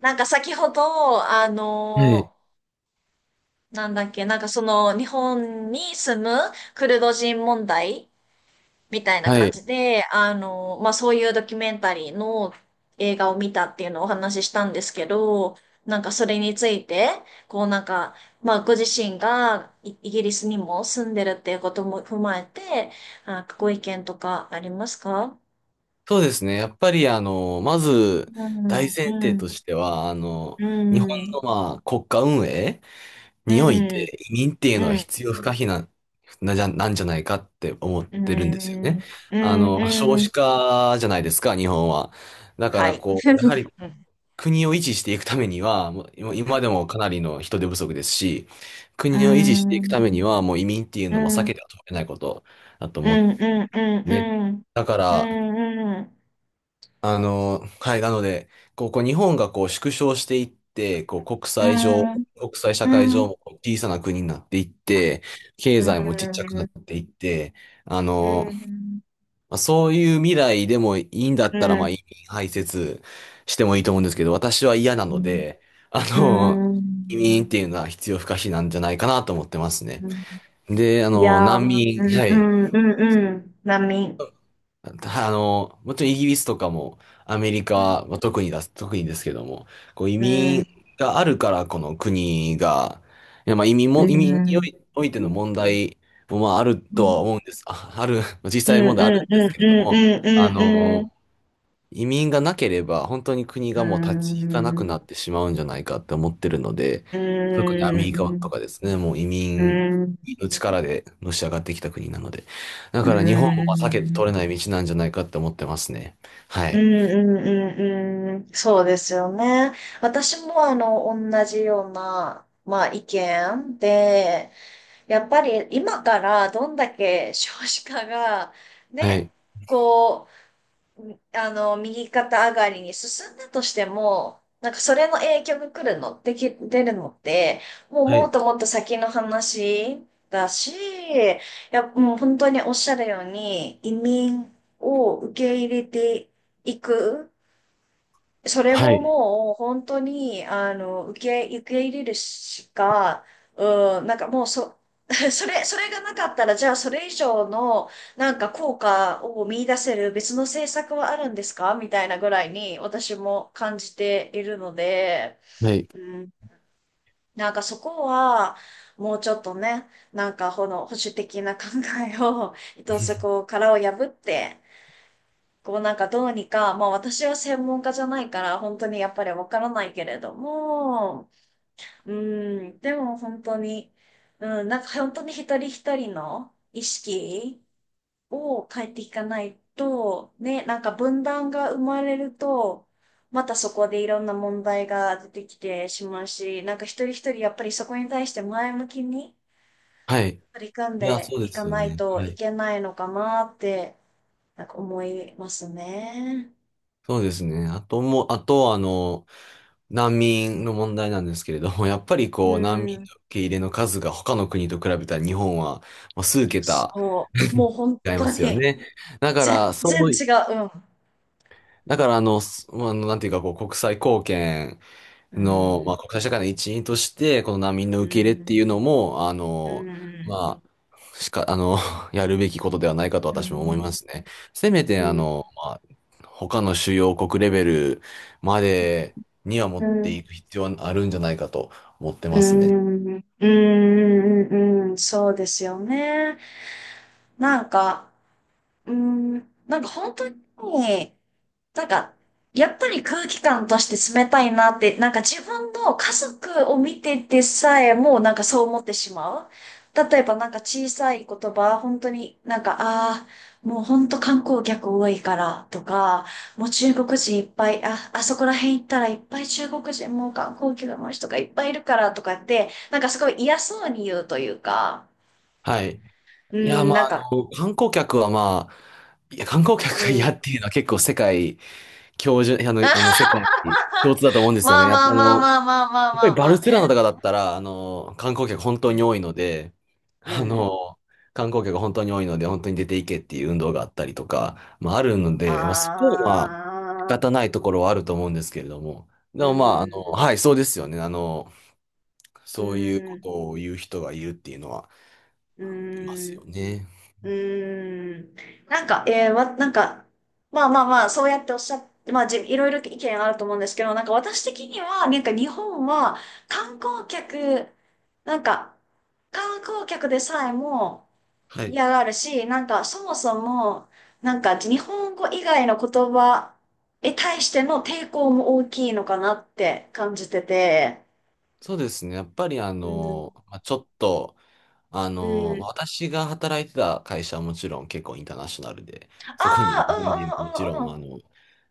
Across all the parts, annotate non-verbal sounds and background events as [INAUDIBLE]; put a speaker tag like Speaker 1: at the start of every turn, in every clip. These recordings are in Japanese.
Speaker 1: なんか先ほど、
Speaker 2: はい。
Speaker 1: なんだっけ、なんかその日本に住むクルド人問題みたいな
Speaker 2: は
Speaker 1: 感
Speaker 2: い。
Speaker 1: じで、まあそういうドキュメンタリーの映画を見たっていうのをお話ししたんですけど、なんかそれについて、こうなんか、まあご自身がイギリスにも住んでるっていうことも踏まえて、あ、ご意見とかありますか？
Speaker 2: そうですね。やっぱり、まず、
Speaker 1: う
Speaker 2: 大
Speaker 1: ん、
Speaker 2: 前
Speaker 1: う
Speaker 2: 提と
Speaker 1: ん、
Speaker 2: しては、
Speaker 1: う
Speaker 2: 日本
Speaker 1: ん、
Speaker 2: の、国家運営
Speaker 1: う
Speaker 2: におい
Speaker 1: ん、
Speaker 2: て、移民っていうの
Speaker 1: う
Speaker 2: は
Speaker 1: ん。
Speaker 2: 必要不可避な、なじゃ、なんじゃないかって思っ
Speaker 1: う
Speaker 2: てるんですよ
Speaker 1: ん
Speaker 2: ね。
Speaker 1: うん
Speaker 2: 少
Speaker 1: う
Speaker 2: 子
Speaker 1: ん。
Speaker 2: 化じゃないですか、日本は。だか
Speaker 1: は
Speaker 2: ら、
Speaker 1: い。
Speaker 2: やはり、国を維持していくためには、もう今でもかなりの人手不足ですし、
Speaker 1: う
Speaker 2: 国を維持していく
Speaker 1: ん
Speaker 2: ためには、もう移民っていう
Speaker 1: う
Speaker 2: のも避
Speaker 1: んうん
Speaker 2: けては通れないことだと
Speaker 1: う
Speaker 2: 思って
Speaker 1: んうんう
Speaker 2: ね。
Speaker 1: んう
Speaker 2: だか
Speaker 1: んう
Speaker 2: ら、
Speaker 1: んうん
Speaker 2: はい、なので、日本が縮小していって、国
Speaker 1: う
Speaker 2: 際上、
Speaker 1: ん
Speaker 2: 国際社会上も小さな国になっていって、経
Speaker 1: うん
Speaker 2: 済もちっちゃ
Speaker 1: うん。
Speaker 2: くなっていって、あの、そういう未来でもいいんだったら、まあ、移民排斥してもいいと思うんですけど、私は嫌なので、あ
Speaker 1: う
Speaker 2: の、
Speaker 1: んう
Speaker 2: 移民っていうのは必要不可避なんじゃないかなと思ってますね。
Speaker 1: ん。
Speaker 2: で、
Speaker 1: いや、
Speaker 2: 難
Speaker 1: う
Speaker 2: 民、
Speaker 1: ん
Speaker 2: は
Speaker 1: う
Speaker 2: い。
Speaker 1: んうんうん。波、
Speaker 2: [LAUGHS] たあの、もちろんイギリスとかもアメリカ
Speaker 1: うん
Speaker 2: はまあ特にですけども、移
Speaker 1: う
Speaker 2: 民
Speaker 1: ん
Speaker 2: があるからこの国が、いやまあ移民
Speaker 1: う
Speaker 2: も、
Speaker 1: ん
Speaker 2: 移
Speaker 1: うん
Speaker 2: 民
Speaker 1: う
Speaker 2: におい、
Speaker 1: ん
Speaker 2: おいての問題もまああるとは思うんです。あ、ある、[LAUGHS] 実
Speaker 1: うん
Speaker 2: 際問題あるん
Speaker 1: うんう
Speaker 2: です
Speaker 1: ん
Speaker 2: けれ
Speaker 1: う
Speaker 2: ども、
Speaker 1: ん
Speaker 2: あ
Speaker 1: うんう
Speaker 2: の、移民がなければ、本当に国がもう立ち行かなくなってしまうんじゃないかって思ってるので、特にアメリカとかですね、もう移
Speaker 1: ん。
Speaker 2: 民
Speaker 1: うん。
Speaker 2: の力でのし上がってきた国なので。だ
Speaker 1: うー
Speaker 2: から日本もまあ避けて取れ
Speaker 1: ん。
Speaker 2: ない道なんじゃないかって思ってますね。は
Speaker 1: うん
Speaker 2: い。
Speaker 1: うんうんうん。そうですよね。私も同じような、まあ意見で、やっぱり今からどんだけ少子化が、
Speaker 2: はい。
Speaker 1: ね、こう、右肩上がりに進んだとしても、なんかそれの影響が来るの、出るのって、もう
Speaker 2: は
Speaker 1: もっ
Speaker 2: い。
Speaker 1: ともっと先の話だし、いや、もう本当におっしゃるように、移民を受け入れていく。それ
Speaker 2: は
Speaker 1: も
Speaker 2: い。
Speaker 1: もう本当に、受け入れるしか、うん、なんかもうそ、[LAUGHS] それがなかったら、じゃあそれ以上の、なんか効果を見出せる別の政策はあるんですかみたいなぐらいに私も感じているので、
Speaker 2: はい。
Speaker 1: うん、なんかそこは、もうちょっとね、なんかこの保守的な考えを、[LAUGHS] 一つこ
Speaker 2: [LAUGHS]
Speaker 1: う殻を破って、こうなんかどうにか、まあ私は専門家じゃないから本当にやっぱりわからないけれども、うん、でも本当に、うん、なんか本当に一人一人の意識を変えていかないと、ね、なんか分断が生まれると、またそこでいろんな問題が出てきてしまうし、なんか一人一人やっぱりそこに対して前向きに
Speaker 2: はい。
Speaker 1: 取り組ん
Speaker 2: いや、
Speaker 1: で
Speaker 2: そう
Speaker 1: い
Speaker 2: で
Speaker 1: か
Speaker 2: すよ
Speaker 1: ない
Speaker 2: ね。
Speaker 1: と
Speaker 2: は
Speaker 1: い
Speaker 2: い。
Speaker 1: けないのかなって、なんか思いますね。
Speaker 2: そうですね。あともう、あと、あの、難民の問題なんですけれども、[LAUGHS] やっぱり
Speaker 1: う
Speaker 2: 難民
Speaker 1: ん。
Speaker 2: の受け入れの数が他の国と比べたら日本は、まあ、数桁
Speaker 1: そう。もう本
Speaker 2: [LAUGHS] 違いま
Speaker 1: 当
Speaker 2: すよ
Speaker 1: に、
Speaker 2: ね。だから、
Speaker 1: 全
Speaker 2: そ
Speaker 1: 然
Speaker 2: う
Speaker 1: 違
Speaker 2: い、
Speaker 1: う。
Speaker 2: だから、あの、すあの、なんていうか、国際貢献
Speaker 1: う
Speaker 2: の、まあ、
Speaker 1: ん。
Speaker 2: 国際社会の一員として、この難民の
Speaker 1: う
Speaker 2: 受け入れっ
Speaker 1: ん。
Speaker 2: ていうのも、あ
Speaker 1: う
Speaker 2: の、
Speaker 1: ん。
Speaker 2: まあ、しか、あの、[LAUGHS] やるべきことではないかと
Speaker 1: う
Speaker 2: 私も思いま
Speaker 1: ん。
Speaker 2: すね。せめて、
Speaker 1: うん。
Speaker 2: 他の主要国レベルまでには持
Speaker 1: う
Speaker 2: って
Speaker 1: ん。
Speaker 2: いく必要はあるんじゃないかと思って
Speaker 1: う
Speaker 2: ますね。
Speaker 1: ん。うん。うん。そうですよね。なんか、うん。なんか本当に、なんか、やっぱり空気感として冷たいなって、なんか自分の家族を見ててさえもなんかそう思ってしまう。例えばなんか小さい言葉、本当になんか、ああ、もう本当観光客多いからとか、もう中国人いっぱい、あ、あそこら辺行ったらいっぱい中国人もう観光客の人がいっぱいいるからとかって、なんかすごい嫌そうに言うというか、
Speaker 2: はい。
Speaker 1: う
Speaker 2: いや、
Speaker 1: ん、なんか、
Speaker 2: 観光客はまあ、いや、観光客
Speaker 1: う
Speaker 2: が嫌
Speaker 1: ん。
Speaker 2: っていうのは結構世界教授、あの、あの、
Speaker 1: [LAUGHS]
Speaker 2: 世界共通だと思うんですよね。
Speaker 1: まあ
Speaker 2: やっ
Speaker 1: ま
Speaker 2: ぱ
Speaker 1: あまあまあまあまあ
Speaker 2: やっ
Speaker 1: ま
Speaker 2: ぱり
Speaker 1: あ
Speaker 2: バ
Speaker 1: ま
Speaker 2: ル
Speaker 1: あ
Speaker 2: セロナ
Speaker 1: ね。
Speaker 2: とかだったら、観光客本当
Speaker 1: う
Speaker 2: に
Speaker 1: ん。
Speaker 2: 多いので、
Speaker 1: う
Speaker 2: あ
Speaker 1: ん。
Speaker 2: の、観光客本当に多いので、本当に出ていけっていう運動があったりとか、まあ、あるので、まあ、そこはまあ仕
Speaker 1: ああ、
Speaker 2: 方ないところはあると思うんですけれども、で
Speaker 1: う
Speaker 2: もまあ、
Speaker 1: ん、
Speaker 2: はい、そうですよね。
Speaker 1: う
Speaker 2: そういうこ
Speaker 1: ん、
Speaker 2: とを言う人がいるっていうのは
Speaker 1: う
Speaker 2: いますよ
Speaker 1: ん、
Speaker 2: ね。
Speaker 1: うん。なんか、なんか、まあまあまあ、そうやっておっしゃって、まあ、いろいろ意見あると思うんですけど、なんか私的には、なんか日本は観光客、なんか、観光客でさえも
Speaker 2: はい。
Speaker 1: 嫌がるし、なんかそもそも、なんか日本語以外の言葉に対しての抵抗も大きいのかなって感じてて、
Speaker 2: そうですね。やっぱり
Speaker 1: うん
Speaker 2: ちょっと、
Speaker 1: うん。
Speaker 2: 私が働いてた会社はもちろん結構インターナショナルで、そこにいる
Speaker 1: あ
Speaker 2: 日本人ももちろん、
Speaker 1: あ、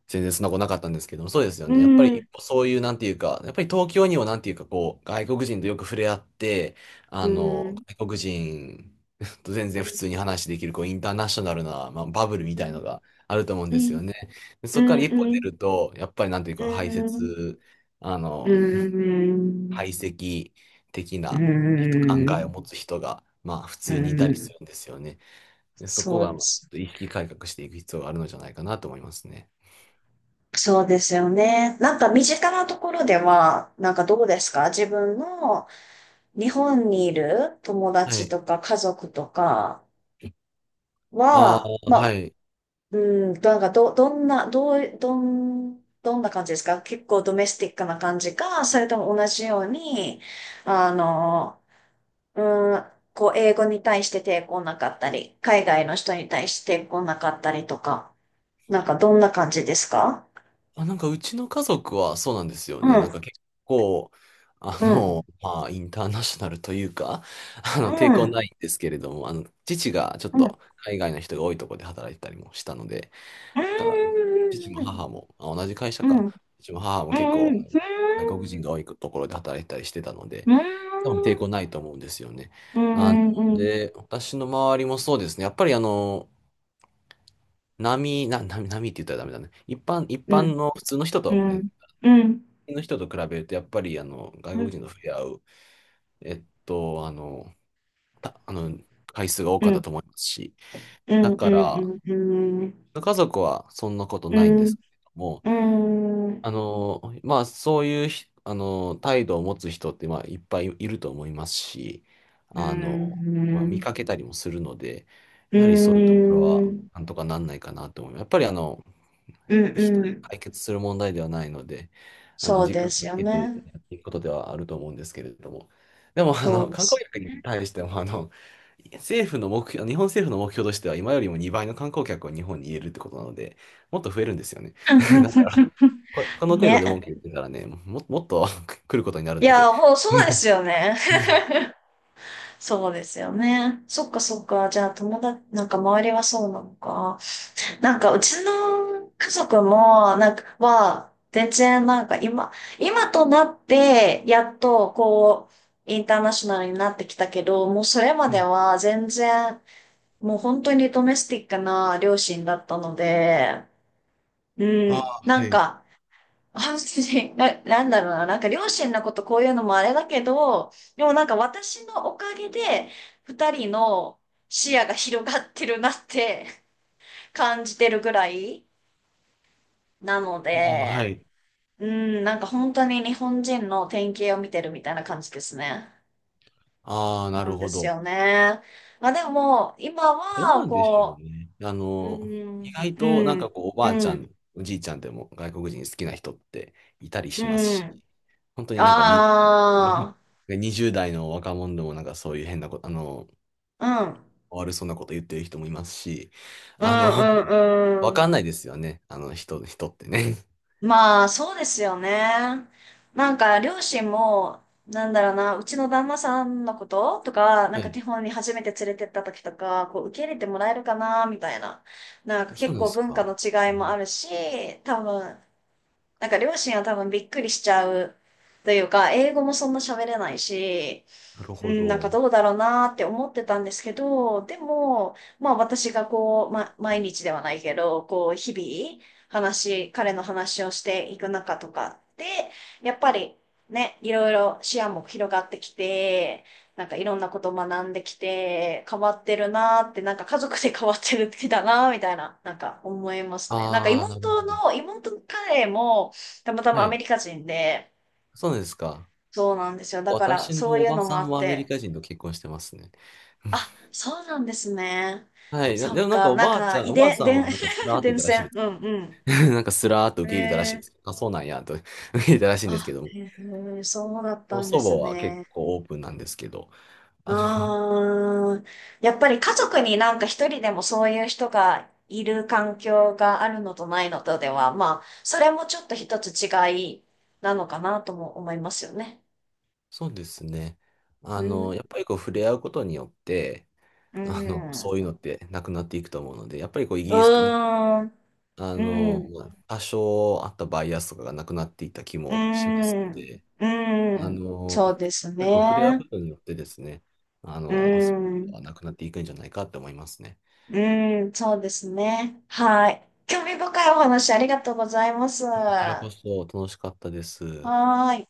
Speaker 2: 全然そんなことなかったんですけども、そうですよ
Speaker 1: う
Speaker 2: ね。やっぱ
Speaker 1: んう
Speaker 2: り
Speaker 1: ん
Speaker 2: そういう、なんていうか、やっぱり東京にもなんていうか、外国人とよく触れ合って、
Speaker 1: うんうん。
Speaker 2: 外国人と全然普通に話できる、インターナショナルな、まあ、バブルみ
Speaker 1: う
Speaker 2: たい
Speaker 1: ん。
Speaker 2: のがあると思うん
Speaker 1: う
Speaker 2: です
Speaker 1: ん。
Speaker 2: よね。でそ
Speaker 1: う
Speaker 2: こか
Speaker 1: ん。
Speaker 2: ら一歩
Speaker 1: う
Speaker 2: 出
Speaker 1: ん。
Speaker 2: ると、やっぱりなんていう
Speaker 1: う
Speaker 2: か、排
Speaker 1: ん。
Speaker 2: 泄、あ
Speaker 1: う
Speaker 2: の、排
Speaker 1: ん。
Speaker 2: 斥的
Speaker 1: う
Speaker 2: な、考えを
Speaker 1: ん。
Speaker 2: 持つ人が、まあ、普
Speaker 1: う
Speaker 2: 通にいたりす
Speaker 1: ん。
Speaker 2: るんですよね。で、そこ
Speaker 1: そう
Speaker 2: が、
Speaker 1: で
Speaker 2: まあちょっ
Speaker 1: す。
Speaker 2: と意識改革していく必要があるのじゃないかなと思いますね。
Speaker 1: そうですよね。なんか身近なところでは、なんかどうですか、自分の日本にいる友
Speaker 2: は
Speaker 1: 達
Speaker 2: い。
Speaker 1: とか家族とか
Speaker 2: ああ、
Speaker 1: は、ま、
Speaker 2: はい。
Speaker 1: なんかどんな感じですか？結構ドメスティックな感じか、それとも同じようにあのうんこう英語に対して抵抗なかったり、海外の人に対して抵抗なかったりとか、なんかどんな感じですか？
Speaker 2: あ、なんかうちの家族はそうなんですよ
Speaker 1: う
Speaker 2: ね。な
Speaker 1: ん
Speaker 2: んか結構、
Speaker 1: うん
Speaker 2: インターナショナルというか、[LAUGHS]
Speaker 1: う
Speaker 2: 抵抗
Speaker 1: ん
Speaker 2: ないんですけれども、父がちょっ
Speaker 1: うん
Speaker 2: と海外の人が多いところで働いてたりもしたので、
Speaker 1: う
Speaker 2: だから、父も
Speaker 1: ん
Speaker 2: 母も、あ、同じ会社
Speaker 1: うんう
Speaker 2: か。
Speaker 1: ん
Speaker 2: 父も母も結
Speaker 1: う
Speaker 2: 構、外
Speaker 1: ん
Speaker 2: 国人が多いところで働いたりしてたので、
Speaker 1: うん
Speaker 2: 多分抵抗ないと思うんですよね。
Speaker 1: う
Speaker 2: あの、
Speaker 1: んうん
Speaker 2: で、私の周りもそうですね。やっぱり波、な、波、波って言ったらダメだね。一般、一
Speaker 1: うん
Speaker 2: 般の普通の人
Speaker 1: うん
Speaker 2: と、
Speaker 1: う
Speaker 2: え、
Speaker 1: ん
Speaker 2: 普
Speaker 1: うんうん
Speaker 2: 通の人と比べると、やっぱり外
Speaker 1: う
Speaker 2: 国
Speaker 1: ん
Speaker 2: 人と触れ合う、えっと、あの、た、あの、回数が多
Speaker 1: う
Speaker 2: かった
Speaker 1: ん
Speaker 2: と思いますし、
Speaker 1: う
Speaker 2: だ
Speaker 1: んう
Speaker 2: から、
Speaker 1: んうん
Speaker 2: 家族はそんなこと
Speaker 1: う
Speaker 2: ないんで
Speaker 1: ん
Speaker 2: すけども、
Speaker 1: うんうん
Speaker 2: あの、まあ、そういうひ、あの、態度を持つ人って、まあ、いっぱいいると思いますし、
Speaker 1: う
Speaker 2: あの、見
Speaker 1: ん
Speaker 2: かけたりもするので、やはりそういうところは、なんとかなんないかなと思います。やっぱり、
Speaker 1: うん
Speaker 2: 一人で
Speaker 1: うん。
Speaker 2: 解決する問題ではないので、
Speaker 1: そう
Speaker 2: 時間
Speaker 1: です
Speaker 2: をか
Speaker 1: よ
Speaker 2: けて
Speaker 1: ね。
Speaker 2: やっていくことではあると思うんですけれども。でも、
Speaker 1: そうで
Speaker 2: 観光
Speaker 1: す。
Speaker 2: 客に対しても、政府の目標、日本政府の目標としては、今よりも2倍の観光客を日本に入れるってことなので、もっと増えるんですよね。[LAUGHS] ここの程度で
Speaker 1: ね。
Speaker 2: 文句言ってたらね、もっと [LAUGHS] 来ることになる
Speaker 1: い
Speaker 2: ので。
Speaker 1: や、もう
Speaker 2: う
Speaker 1: そうです
Speaker 2: ん。
Speaker 1: よね。
Speaker 2: うん。
Speaker 1: そうですよね。そっかそっか。じゃあ友達、なんか周りはそうなのか。なんか、うちの家族も、なんか、全然なんか今、今となって、やっと、こう、インターナショナルになってきたけど、もうそれま
Speaker 2: は
Speaker 1: で
Speaker 2: い。
Speaker 1: は全然、もう本当にドメスティックな両親だったので、う
Speaker 2: ああ、
Speaker 1: ん、な
Speaker 2: は
Speaker 1: ん
Speaker 2: い。
Speaker 1: か、本当に、なんだろうな、なんか両親のことこういうのもあれだけど、でもなんか私のおかげで、二人の視野が広がってるなって感じてるぐらい、なの
Speaker 2: ああ、は
Speaker 1: で、
Speaker 2: い。
Speaker 1: うん、なんか本当に日本人の典型を見てるみたいな感じですね。
Speaker 2: ああ、な
Speaker 1: な
Speaker 2: る
Speaker 1: んで
Speaker 2: ほ
Speaker 1: す
Speaker 2: ど。
Speaker 1: よね。まあでも、今
Speaker 2: どう
Speaker 1: は、
Speaker 2: なんでしょう
Speaker 1: こ
Speaker 2: ね。
Speaker 1: う、う
Speaker 2: 意
Speaker 1: ん、
Speaker 2: 外となん
Speaker 1: う
Speaker 2: か
Speaker 1: ん、
Speaker 2: おばあち
Speaker 1: う
Speaker 2: ゃ
Speaker 1: ん、
Speaker 2: ん、おじいちゃんでも外国人好きな人っていたり
Speaker 1: う
Speaker 2: しますし、
Speaker 1: ん。
Speaker 2: 本当に[LAUGHS]
Speaker 1: あ
Speaker 2: 20代の若者でもなんかそういう変なこと、
Speaker 1: あ、うん、
Speaker 2: 悪そうなこと言ってる人もいますし、
Speaker 1: う
Speaker 2: あの、わ
Speaker 1: ん、う
Speaker 2: かん
Speaker 1: ん、う
Speaker 2: ない
Speaker 1: ん。
Speaker 2: ですよね。人ってね。
Speaker 1: まあ、そうですよね。なんか、両親も、なんだろうな、うちの旦那さんのこととか、なん
Speaker 2: は
Speaker 1: か
Speaker 2: い。
Speaker 1: 日本に初めて連れてった時とか、こう、受け入れてもらえるかな、みたいな。なんか
Speaker 2: そ
Speaker 1: 結
Speaker 2: うで
Speaker 1: 構
Speaker 2: す
Speaker 1: 文化
Speaker 2: か。
Speaker 1: の違いも
Speaker 2: ね。
Speaker 1: あるし、多分、なんか両親は多分びっくりしちゃうというか、英語もそんな喋れないし、
Speaker 2: なる
Speaker 1: う
Speaker 2: ほ
Speaker 1: ん、なんか
Speaker 2: ど。
Speaker 1: どうだろうなーって思ってたんですけど、でも、まあ私がこう、毎日ではないけど、こう、日々、彼の話をしていく中とかで、やっぱりね、いろいろ視野も広がってきて、なんかいろんなこと学んできて、変わってるなーって、なんか家族で変わってる時だなーみたいな、なんか思いますね。なんか
Speaker 2: ああ、なるほど。
Speaker 1: 妹の彼も、たまたま
Speaker 2: は
Speaker 1: アメ
Speaker 2: い。
Speaker 1: リカ人で、
Speaker 2: そうですか。
Speaker 1: そうなんですよ。だから、
Speaker 2: 私の
Speaker 1: そう
Speaker 2: お
Speaker 1: いう
Speaker 2: ば
Speaker 1: のも
Speaker 2: さ
Speaker 1: あ
Speaker 2: ん
Speaker 1: っ
Speaker 2: もアメリ
Speaker 1: て、
Speaker 2: カ人と結婚してますね。
Speaker 1: あ、
Speaker 2: [LAUGHS]
Speaker 1: そうなんですね。
Speaker 2: はい。な
Speaker 1: そ
Speaker 2: で
Speaker 1: っ
Speaker 2: もなんか
Speaker 1: か、
Speaker 2: お
Speaker 1: なん
Speaker 2: ばあち
Speaker 1: か、
Speaker 2: ゃん、
Speaker 1: 遺
Speaker 2: おばあ
Speaker 1: 伝、
Speaker 2: さん
Speaker 1: 伝、
Speaker 2: はなんかスラー
Speaker 1: [LAUGHS]
Speaker 2: って言っ
Speaker 1: 伝
Speaker 2: たらしい
Speaker 1: 染。
Speaker 2: です
Speaker 1: う
Speaker 2: けど
Speaker 1: ん。
Speaker 2: ね。[LAUGHS] なんかスラーっと
Speaker 1: う
Speaker 2: 受
Speaker 1: ん。
Speaker 2: け入れたらしい
Speaker 1: え
Speaker 2: ですけ
Speaker 1: ー、
Speaker 2: ど。あ、そうなんや、と [LAUGHS] 受け入れたらしいんです
Speaker 1: あ、
Speaker 2: けど。
Speaker 1: へー、そうだったんで
Speaker 2: 祖母
Speaker 1: す
Speaker 2: は結
Speaker 1: ね。
Speaker 2: 構オープンなんですけど。あの、[LAUGHS]
Speaker 1: ああ、やっぱり家族になんか一人でもそういう人がいる環境があるのとないのとでは、まあ、それもちょっと一つ違いなのかなとも思いますよね。
Speaker 2: そうですね。
Speaker 1: うん、
Speaker 2: やっぱり触れ合うことによって、
Speaker 1: うん、
Speaker 2: そういうのってなくなっていくと思うので、やっぱりイギ
Speaker 1: う
Speaker 2: リス、日
Speaker 1: ーん、
Speaker 2: あ
Speaker 1: う
Speaker 2: の、
Speaker 1: ん、
Speaker 2: まあ多少あったバイアスとかがなくなっていった気
Speaker 1: う
Speaker 2: もしますの
Speaker 1: ん、
Speaker 2: で、
Speaker 1: う
Speaker 2: あ
Speaker 1: ん、
Speaker 2: の、
Speaker 1: そうです
Speaker 2: 結構触れ合う
Speaker 1: ね。
Speaker 2: ことによってですね、
Speaker 1: うー
Speaker 2: そういうこ
Speaker 1: ん。
Speaker 2: とはなくなっていくんじゃないかって思いますね。
Speaker 1: うーん、そうですね。はい。興味深いお話ありがとうございます。
Speaker 2: こちらこ
Speaker 1: は
Speaker 2: そ楽しかったです。
Speaker 1: ーい。